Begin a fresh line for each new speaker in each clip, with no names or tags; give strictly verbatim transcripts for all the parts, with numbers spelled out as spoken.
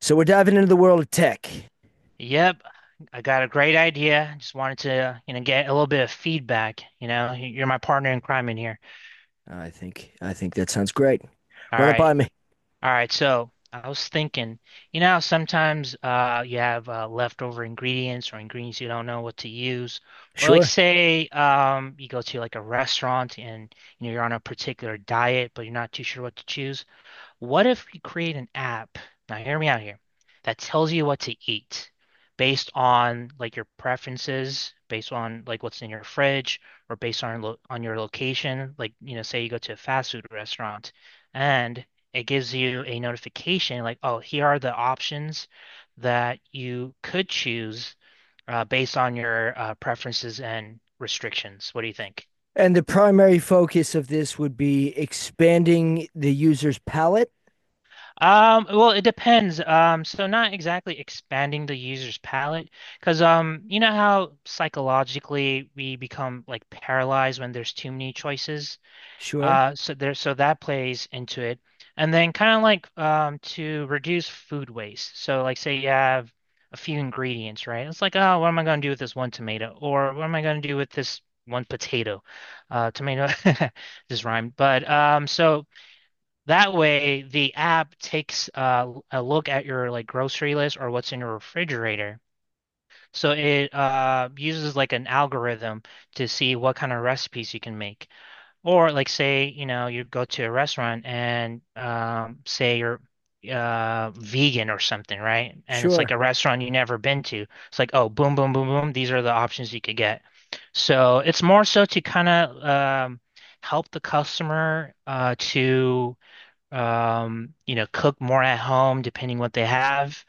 So we're diving into the world of tech.
Yep, I got a great idea. Just wanted to, you know, get a little bit of feedback. You know, you're my partner in crime in here.
I think I think that sounds great.
All
Run it
right,
by me.
all right. So I was thinking, you know, how sometimes uh, you have uh, leftover ingredients or ingredients you don't know what to use, or like
Sure.
say um, you go to like a restaurant and you know you're on a particular diet, but you're not too sure what to choose. What if we create an app? Now, hear me out here. That tells you what to eat based on like your preferences, based on like what's in your fridge, or based on lo on your location. Like, you know, say you go to a fast food restaurant, and it gives you a notification like, oh, here are the options that you could choose uh, based on your uh, preferences and restrictions. What do you think?
And the primary focus of this would be expanding the user's palette.
Um, well, it depends. Um, so not exactly expanding the user's palette, because um, you know how psychologically we become like paralyzed when there's too many choices.
Sure.
Uh, so there, so that plays into it, and then kind of like um to reduce food waste. So like say you have a few ingredients, right? It's like, oh, what am I going to do with this one tomato, or what am I going to do with this one potato? Uh, tomato just rhymed, but um, so. That way, the app takes uh, a look at your like grocery list or what's in your refrigerator. So it uh, uses like an algorithm to see what kind of recipes you can make. Or like say, you know, you go to a restaurant and um, say you're uh, vegan or something, right? And it's like
Sure.
a restaurant you never been to. It's like, oh, boom, boom, boom, boom. These are the options you could get. So it's more so to kind of um, help the customer uh, to um, you know, cook more at home depending what they have,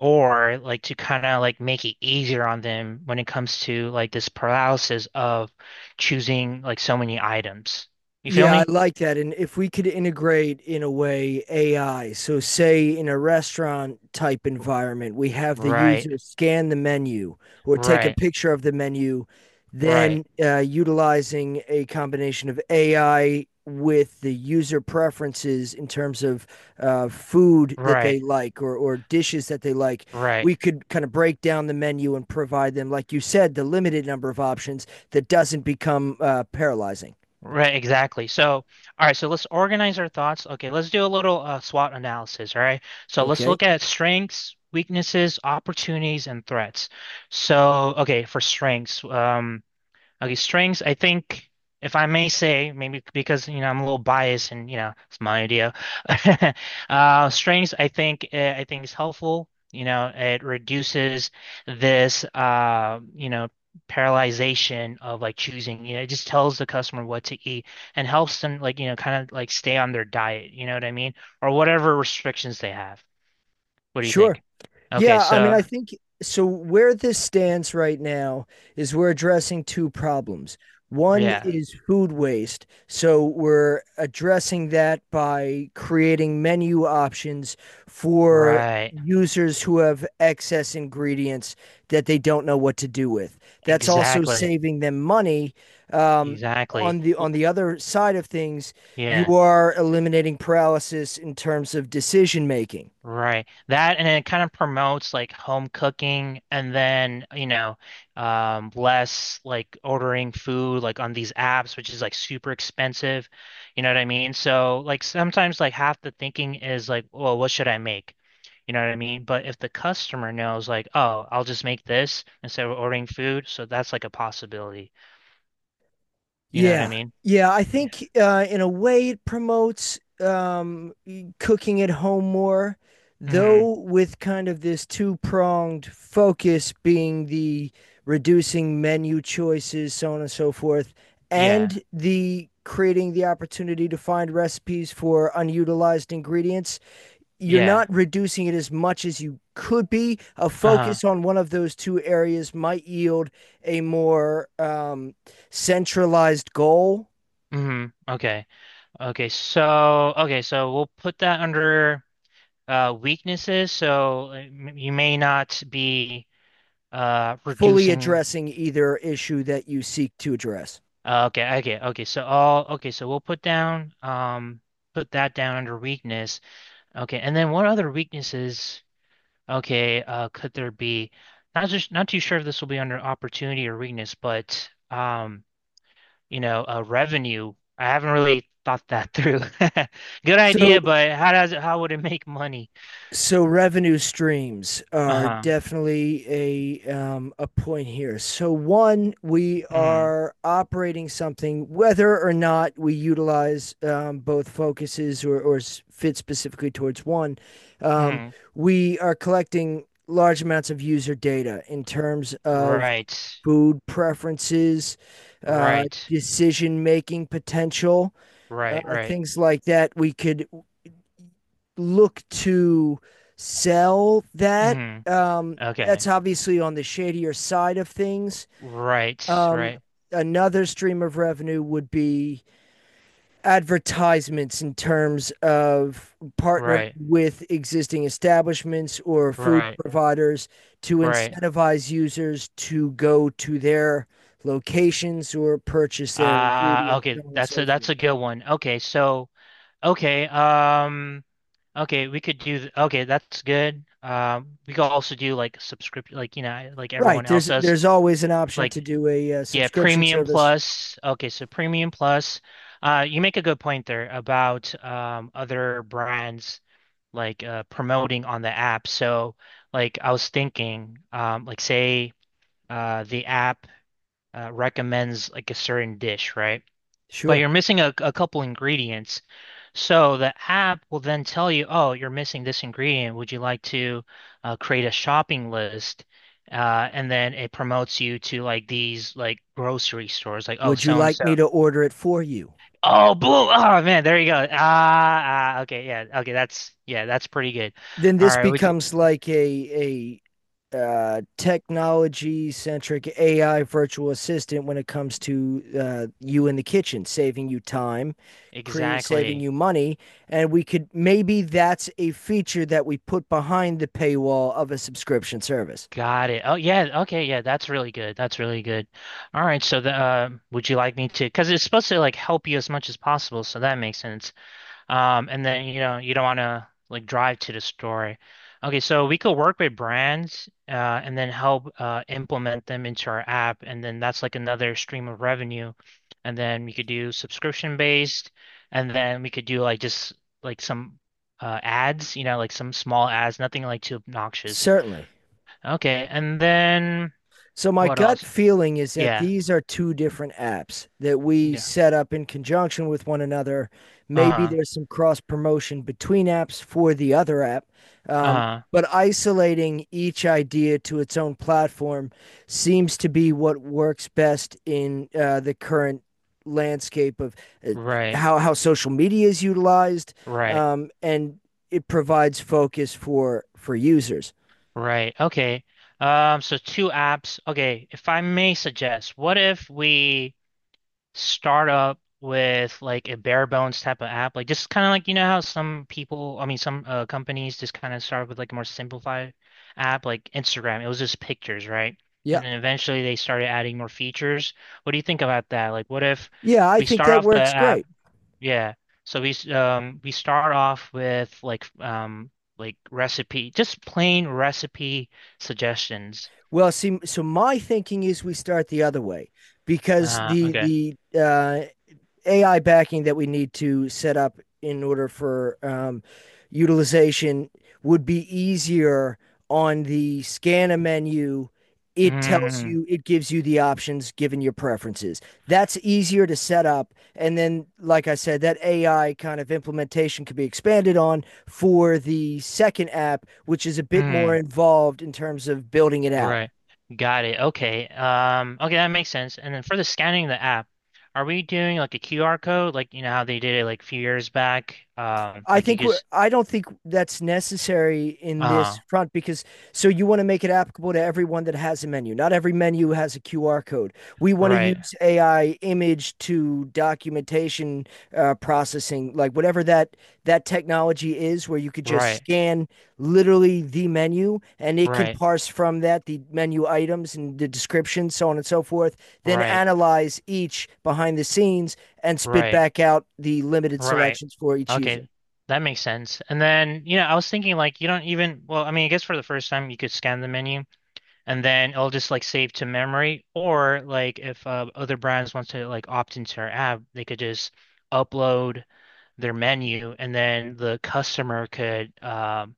or like to kind of like make it easier on them when it comes to like this paralysis of choosing like so many items. You feel
Yeah, I
me?
like that. And if we could integrate in a way A I, so say in a restaurant type environment, we have the
Right,
user scan the menu or take a
right,
picture of the menu,
right,
then uh, utilizing a combination of A I with the user preferences in terms of uh, food that
right,
they like or, or dishes that they like,
right,
we could kind of break down the menu and provide them, like you said, the limited number of options that doesn't become uh, paralyzing.
right, exactly. So, all right, so let's organize our thoughts. Okay, let's do a little uh, SWOT analysis, all right? So let's
Okay.
look at strengths, weaknesses, opportunities, and threats. So, okay, for strengths, um, Okay, strings, I think, if I may say, maybe because, you know, I'm a little biased and, you know, it's my idea. Uh, strings, I think, uh, I think is helpful. You know, it reduces this, uh, you know, paralyzation of like choosing. You know, it just tells the customer what to eat and helps them like, you know, kind of like stay on their diet. You know what I mean? Or whatever restrictions they have. What do you
Sure.
think? Okay,
Yeah, I mean,
so
I think so. Where this stands right now is we're addressing two problems. One
yeah,
is food waste. So we're addressing that by creating menu options for
right.
users who have excess ingredients that they don't know what to do with. That's also
Exactly.
saving them money. Um,
Exactly.
on the
Well,
on the other side of things,
yeah.
you are eliminating paralysis in terms of decision making.
Right. That and it kind of promotes like home cooking and then, you know, um less like ordering food like on these apps, which is like super expensive. You know what I mean? So like sometimes like half the thinking is like, well, what should I make? You know what I mean? But if the customer knows like, oh, I'll just make this instead of ordering food, so that's like a possibility. You know what I
Yeah.
mean?
Yeah, I
Yeah.
think uh, in a way it promotes um, e- cooking at home more,
Hmm.
though with kind of this two-pronged focus being the reducing menu choices, so on and so forth,
Yeah.
and the creating the opportunity to find recipes for unutilized ingredients, you're
Yeah.
not reducing it as much as you could be. A
Uh-huh.
focus on one of those two areas might yield a more um, centralized goal,
Hmm. Okay. Okay, so okay, so we'll put that under uh weaknesses. So uh, m- you may not be uh
fully
reducing
addressing either issue that you seek to address.
uh, Okay, okay, okay. So all okay, so we'll put down um put that down under weakness. Okay, and then what other weaknesses okay uh could there be? Not just not too sure if this will be under opportunity or weakness, but um you know, uh revenue. I haven't really thought that through. Good
So
idea, but how does it how would it make money?
So revenue streams are
Uh-huh.
definitely a um, a point here. So one, we
Hmm.
are operating something, whether or not we utilize um, both focuses or, or fit specifically towards one. Um,
mm,
we are collecting large amounts of user data in terms of
right,
food preferences, uh,
right,
decision making potential, uh,
right, right.
things like that. We could look to sell that.
Hmm.
Um,
Okay.
that's obviously on the shadier side of things.
Right,
Um,
right,
Another stream of revenue would be advertisements in terms of partnering
right,
with existing establishments or food
right,
providers to
right.
incentivize users to go to their locations or purchase their
Ah,
ingredients, so
okay,
on and so
that's a that's
forth.
a good one. Okay, so okay, um, okay, we could do th- okay, that's good. Um, we could also do like subscription, like you know, like
Right.
everyone
There's
else does.
there's always an option to
Like
do a, uh
yeah,
subscription
premium
service.
plus. Okay, so premium plus. Uh, you make a good point there about um other brands like uh, promoting on the app. So like I was thinking, um, like say uh, the app uh, recommends like a certain dish, right? But
Sure.
you're missing a, a couple ingredients. So the app will then tell you, oh, you're missing this ingredient. Would you like to uh, create a shopping list? Uh, and then it promotes you to like these like grocery stores, like oh
Would you
so and
like
so.
me to order it for you?
Oh, blue. Oh man, there you go. Ah, ah, okay, yeah, okay, that's yeah, that's pretty good.
Then
All
this
right. would
becomes like a a uh, technology centric A I virtual assistant when it comes to uh, you in the kitchen, saving you time, create saving
Exactly.
you money, and we could maybe that's a feature that we put behind the paywall of a subscription service.
Got it. Oh yeah. Okay. Yeah. That's really good. That's really good. All right. So the uh, would you like me to? Because it's supposed to like help you as much as possible. So that makes sense. Um, and then you know you don't want to like drive to the store. Okay. So we could work with brands, uh, and then help uh implement them into our app, and then that's like another stream of revenue. And then we could do subscription based, and then we could do like just like some uh ads. You know, like some small ads, nothing like too obnoxious.
Certainly.
Okay, and then
So my
what
gut
else?
feeling is that
Yeah,
these are two different apps that we
yeah.
set up in conjunction with one another. Maybe
Uh-huh.
there's some cross promotion between apps for the other app, um,
Uh-huh.
but isolating each idea to its own platform seems to be what works best in uh, the current landscape of uh,
Right,
how how social media is utilized,
right,
um, and it provides focus for for users.
right. Okay. Um, so two apps. Okay, if I may suggest, what if we start up with like a bare bones type of app? Like just kind of like you know how some people, I mean some uh, companies just kind of start with like a more simplified app like Instagram. It was just pictures, right? And
Yeah.
then eventually they started adding more features. What do you think about that? Like what if
Yeah, I
we
think
start
that
off the
works
app?
great.
Yeah. So we s- um we start off with like um like recipe, just plain recipe suggestions.
Well, see, so my thinking is we start the other way because
Uh
the
okay.
the uh, A I backing that we need to set up in order for um, utilization would be easier on the scanner menu. It tells
Mm,
you, it gives you the options given your preferences. That's easier to set up. And then, like I said, that A I kind of implementation could be expanded on for the second app, which is a bit more
mm,
involved in terms of building it out.
right. Got it. Okay. Um okay, that makes sense. And then for the scanning the app, are we doing like a Q R code like you know how they did it like a few years back? Um
I
like you
think we're,
just
I don't think that's necessary in
uh
this front because so you want to make it applicable to everyone that has a menu. Not every menu has a Q R code. We want to
right,
use A I image to documentation uh, processing, like whatever that that technology is, where you could just
right,
scan literally the menu and it can
right,
parse from that the menu items and the description, so on and so forth. Then
right,
analyze each behind the scenes and spit
right.
back out the limited
Right.
selections for each user.
Okay. That makes sense. And then, you know, I was thinking like you don't even, well, I mean, I guess for the first time you could scan the menu and then it'll just like save to memory or like if uh, other brands want to like opt into our app, they could just upload their menu and then the customer could um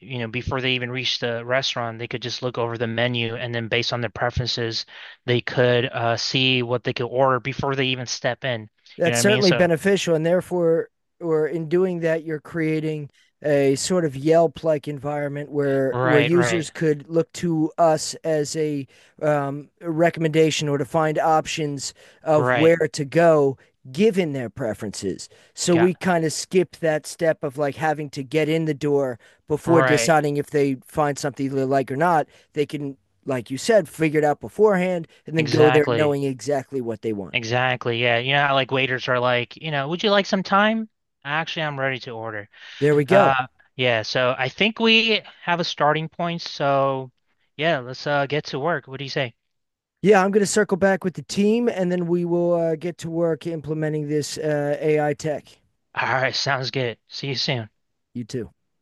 you know, before they even reach the restaurant, they could just look over the menu and then based on their preferences, they could uh see what they could order before they even step in. You know
That's
what I mean?
certainly
So,
beneficial and therefore or in doing that you're creating a sort of Yelp like environment where where
right,
users
right.
could look to us as a um, a recommendation or to find options of
Right.
where to go given their preferences. So we
Got
kind of skip that step of like having to get in the door before
Right.
deciding if they find something they like or not. They can, like you said, figure it out beforehand and then go there
Exactly.
knowing exactly what they want.
Exactly. Yeah. You know how like waiters are like, you know, would you like some time? Actually, I'm ready to order.
There we go.
Uh yeah, so I think we have a starting point. So yeah, let's uh get to work. What do you say?
Yeah, I'm going to circle back with the team and then we will uh, get to work implementing this uh, A I tech.
All right, sounds good. See you soon.
You too.